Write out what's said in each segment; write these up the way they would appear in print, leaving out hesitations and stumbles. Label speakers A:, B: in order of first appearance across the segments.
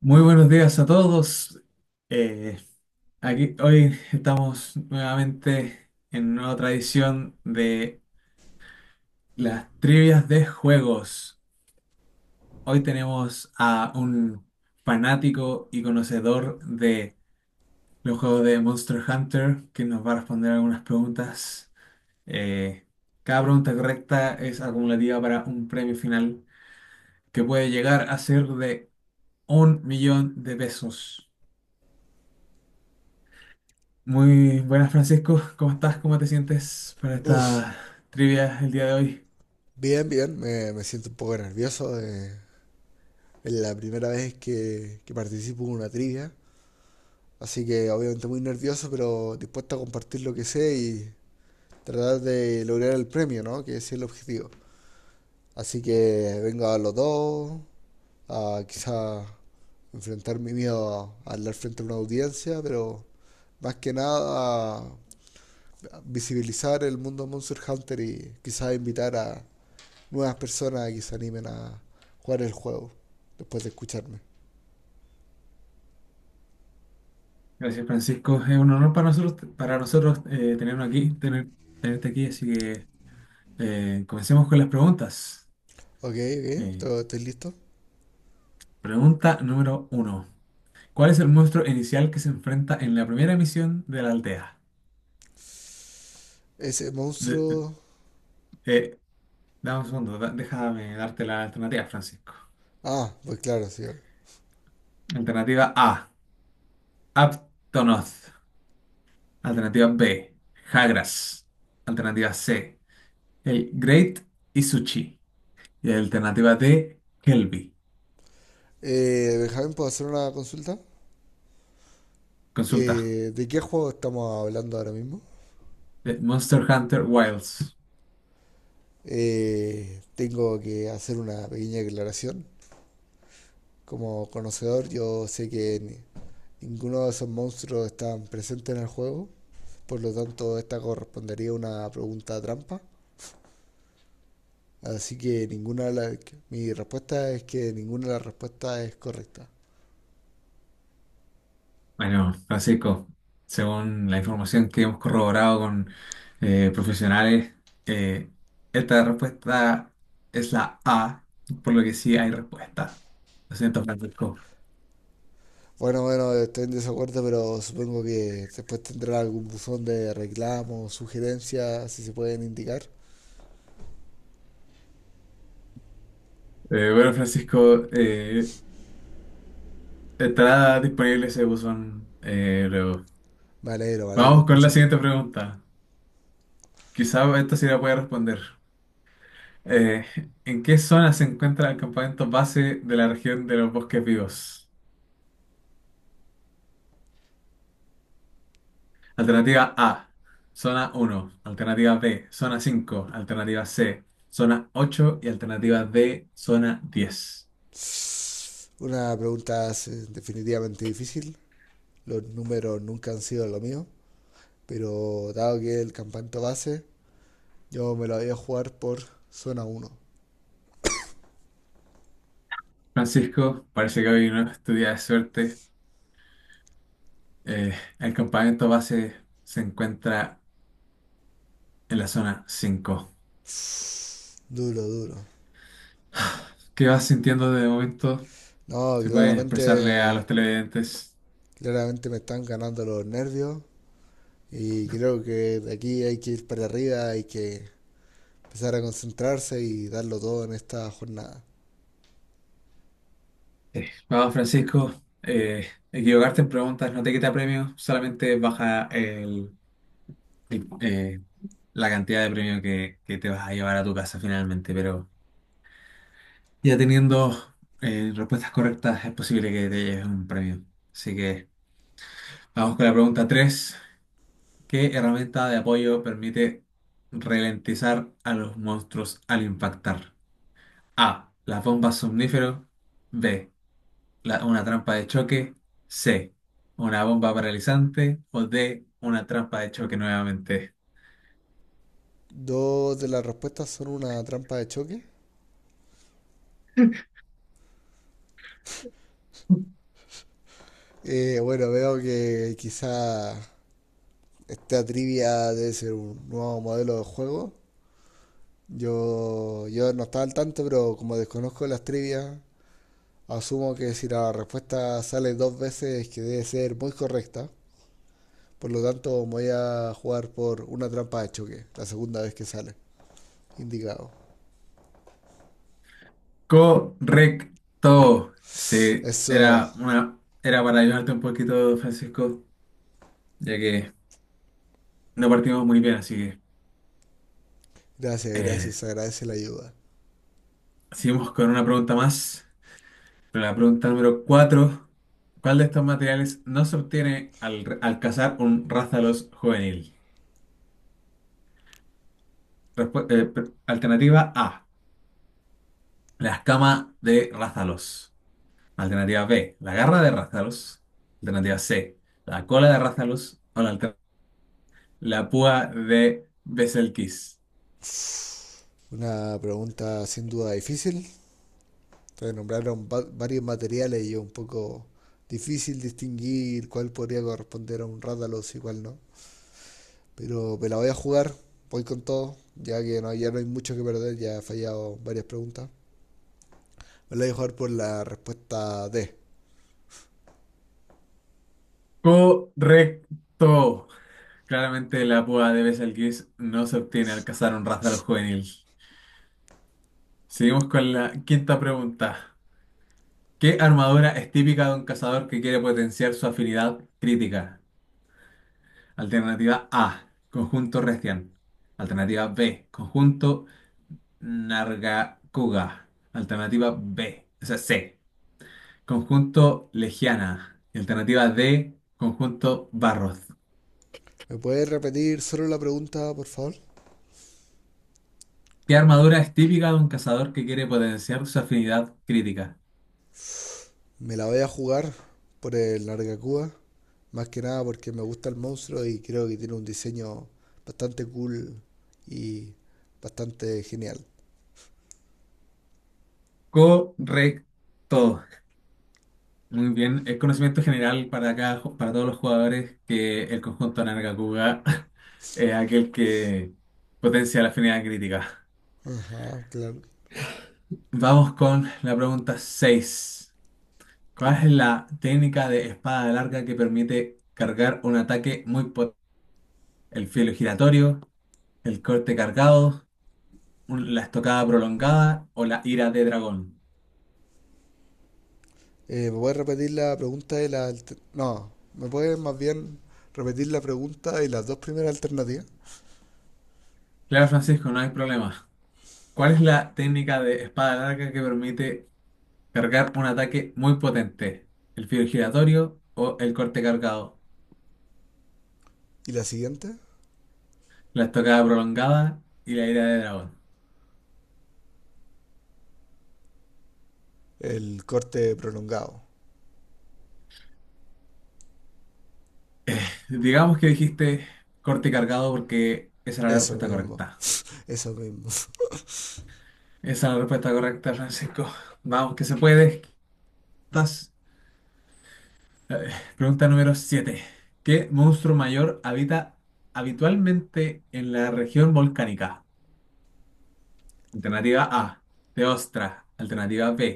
A: Muy buenos días a todos. Eh, aquí hoy estamos nuevamente en una nueva tradición de las trivias de juegos. Hoy tenemos a un fanático y conocedor de los juegos de Monster Hunter que nos va a responder algunas preguntas. Eh, cada pregunta correcta es acumulativa para un premio final que puede llegar a ser de 1 millón de pesos. Muy buenas, Francisco. ¿Cómo estás? ¿Cómo te sientes para
B: Uf,
A: esta trivia el día de hoy?
B: bien, bien. Me siento un poco nervioso. Es la primera vez que participo en una trivia. Así que obviamente muy nervioso, pero dispuesto a compartir lo que sé y tratar de lograr el premio, ¿no? Que ese es el objetivo. Así que vengo a los dos, a quizá enfrentar mi miedo a hablar frente a una audiencia, pero más que nada a visibilizar el mundo de Monster Hunter y quizá invitar a nuevas personas que se animen a jugar el juego después de escucharme.
A: Gracias, Francisco. Es un honor para nosotros, tenernos aquí, tenerte aquí. Así que comencemos con las preguntas.
B: Ok, ok,
A: Eh,
B: estoy listo.
A: pregunta número uno. ¿Cuál es el monstruo inicial que se enfrenta en la primera misión de la aldea?
B: Ese
A: De-
B: monstruo.
A: eh, dame un segundo, déjame darte la alternativa, Francisco.
B: Ah, pues claro, sí.
A: Alternativa A, Aptonoth. Alternativa B, Jagras. Alternativa C, Hey, Great Isuchi, y la alternativa de Kelby.
B: Benjamín, ¿puedo hacer una consulta?
A: Consulta.
B: ¿De qué juego estamos hablando ahora mismo?
A: De Monster Hunter Wilds.
B: Tengo que hacer una pequeña declaración. Como conocedor, yo sé que ninguno de esos monstruos están presentes en el juego. Por lo tanto, esta correspondería a una pregunta trampa. Así que ninguna de las... Mi respuesta es que ninguna de las respuestas es correcta.
A: Bueno, Francisco, según la información que hemos corroborado con profesionales, eh, esta respuesta es la A, por lo que sí hay respuesta. Lo siento, Francisco.
B: Bueno, bueno, estoy en desacuerdo, pero supongo que después tendrá algún buzón de reclamos, sugerencias, si se pueden indicar.
A: Bueno, Francisco, estará disponible ese buzón luego.
B: Me alegro de
A: Vamos con la
B: escucharlo.
A: siguiente pregunta. Quizá esta sí la puede responder. Eh, ¿en qué zona se encuentra el campamento base de la región de los bosques vivos? Alternativa A, zona uno. Alternativa B, zona 5. Alternativa C, zona ocho. Y alternativa D, zona 10.
B: Una pregunta definitivamente difícil. Los números nunca han sido lo mío, pero dado que el campanto base, yo me lo voy a jugar por zona uno.
A: Francisco, parece que hoy no es tu día de suerte. Eh, el campamento base se encuentra en la zona 5.
B: Duro, duro.
A: ¿Qué vas sintiendo de momento?
B: No,
A: Si puedes expresarle a
B: claramente.
A: los televidentes.
B: Me están ganando los nervios y creo que de aquí hay que ir para arriba, hay que empezar a concentrarse y darlo todo en esta jornada.
A: Vamos, Francisco, equivocarte en preguntas no te quita premio, solamente baja el, eh, la cantidad de premio que te vas a llevar a tu casa finalmente, pero ya teniendo respuestas correctas es posible que te lleves un premio. Así que vamos con la pregunta 3: ¿qué herramienta de apoyo permite ralentizar a los monstruos al impactar? A. Las bombas somníferos. B. Una trampa de choque. C. Una bomba paralizante. O D. Una trampa de choque nuevamente.
B: Dos de las respuestas son una trampa de choque. Bueno, veo que quizá esta trivia debe ser un nuevo modelo de juego. Yo no estaba al tanto, pero como desconozco las trivias, asumo que si la respuesta sale dos veces que debe ser muy correcta. Por lo tanto, voy a jugar por una trampa de choque, la segunda vez que sale. Indicado.
A: Correcto. Sí,
B: Eso.
A: era para ayudarte un poquito, Francisco, ya que no partimos muy bien, así que
B: Gracias,
A: eh,
B: gracias. Agradece la ayuda.
A: seguimos con una pregunta más. La pregunta número cuatro. ¿Cuál de estos materiales no se obtiene al cazar un rázalos juvenil? Alternativa A. La escama de rázalos. Alternativa B, la garra de Rathalos. Alternativa C, la cola de Rathalos. O la púa de Betelgeuse.
B: Una pregunta sin duda difícil. Te nombraron varios materiales y es un poco difícil distinguir cuál podría corresponder a un Rathalos y cuál no. Pero me la voy a jugar. Voy con todo. Ya no hay mucho que perder. Ya he fallado varias preguntas. Me la voy a jugar por la respuesta D.
A: Correcto. Claramente la púa de Betelgeuse no se obtiene al cazar un Rathalos juvenil. Seguimos con la quinta pregunta. ¿Qué armadura es típica de un cazador que quiere potenciar su afinidad crítica? Alternativa A, conjunto Restian. Alternativa B, conjunto Nargacuga. Alternativa B. O sea, C. Conjunto Legiana. Y alternativa D, conjunto Barros.
B: ¿Me puedes repetir solo la pregunta, por favor?
A: ¿Qué armadura es típica de un cazador que quiere potenciar su afinidad crítica?
B: Me la voy a jugar por el Nargacuba, más que nada porque me gusta el monstruo y creo que tiene un diseño bastante cool y bastante genial.
A: Correcto. Muy bien. Es conocimiento general para para todos los jugadores que el conjunto Nargacuga es aquel que potencia la afinidad crítica.
B: Ajá, claro.
A: Vamos con la pregunta 6. ¿Cuál es la técnica de espada larga que permite cargar un ataque muy potente? ¿El filo giratorio, el corte cargado, la estocada prolongada o la ira de dragón?
B: ¿Me puedes repetir la pregunta no, ¿me puedes más bien repetir la pregunta y las dos primeras alternativas?
A: Claro, Francisco, no hay problema. ¿Cuál es la técnica de espada larga que permite cargar un ataque muy potente? ¿El filo giratorio o el corte cargado?
B: ¿Y la siguiente?
A: ¿La estocada prolongada y la ira de dragón?
B: El corte prolongado.
A: Digamos que dijiste corte cargado porque esa era la
B: Eso
A: respuesta
B: mismo,
A: correcta.
B: eso mismo.
A: Esa es la respuesta correcta, Francisco. Vamos, que se puede. Estás- a ver, pregunta número siete. ¿Qué monstruo mayor habita habitualmente en la región volcánica? Alternativa A, Teostra. Alternativa B,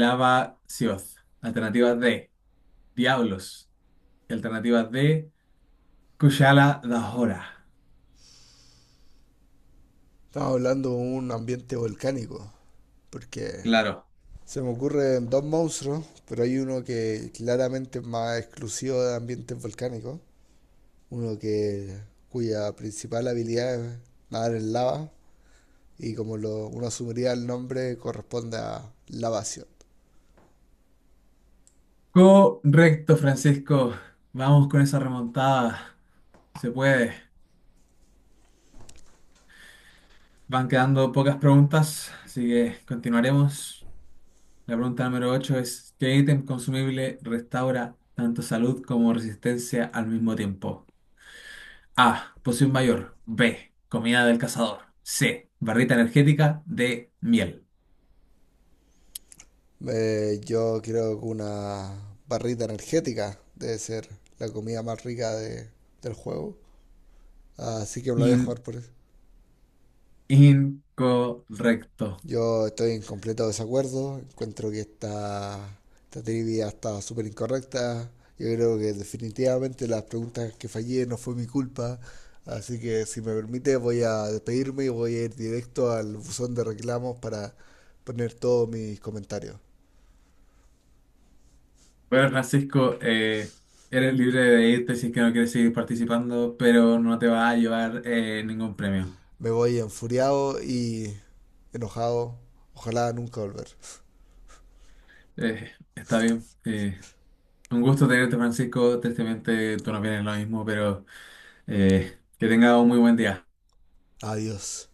A: Lava Sioz. Alternativa D, Diablos. Alternativa D, Kushala Dahora.
B: Estamos hablando de un ambiente volcánico, porque
A: Claro.
B: se me ocurren dos monstruos, pero hay uno que claramente es más exclusivo de ambientes volcánicos, uno que cuya principal habilidad es nadar en lava y uno asumiría el nombre corresponde a lavación.
A: Correcto, Francisco. Vamos con esa remontada. Se puede. Van quedando pocas preguntas, así que continuaremos. La pregunta número 8 es, ¿qué ítem consumible restaura tanto salud como resistencia al mismo tiempo? A. Poción mayor. B. Comida del cazador. C. Barrita energética. D. Miel.
B: Yo creo que una barrita energética debe ser la comida más rica del juego, así que me la voy a
A: In-
B: jugar por eso.
A: incorrecto.
B: Yo estoy en completo desacuerdo. Encuentro que esta trivia está súper incorrecta. Yo creo que definitivamente las preguntas que fallé no fue mi culpa. Así que si me permite voy a despedirme y voy a ir directo al buzón de reclamos para poner todos mis comentarios.
A: Bueno, Francisco, eres libre de irte si es que no quieres seguir participando, pero no te va a llevar ningún premio.
B: Me voy enfuriado y enojado. Ojalá nunca volver.
A: Está bien. Un gusto tenerte, Francisco. Tristemente tú no vienes lo mismo, pero que tengas un muy buen día.
B: Adiós.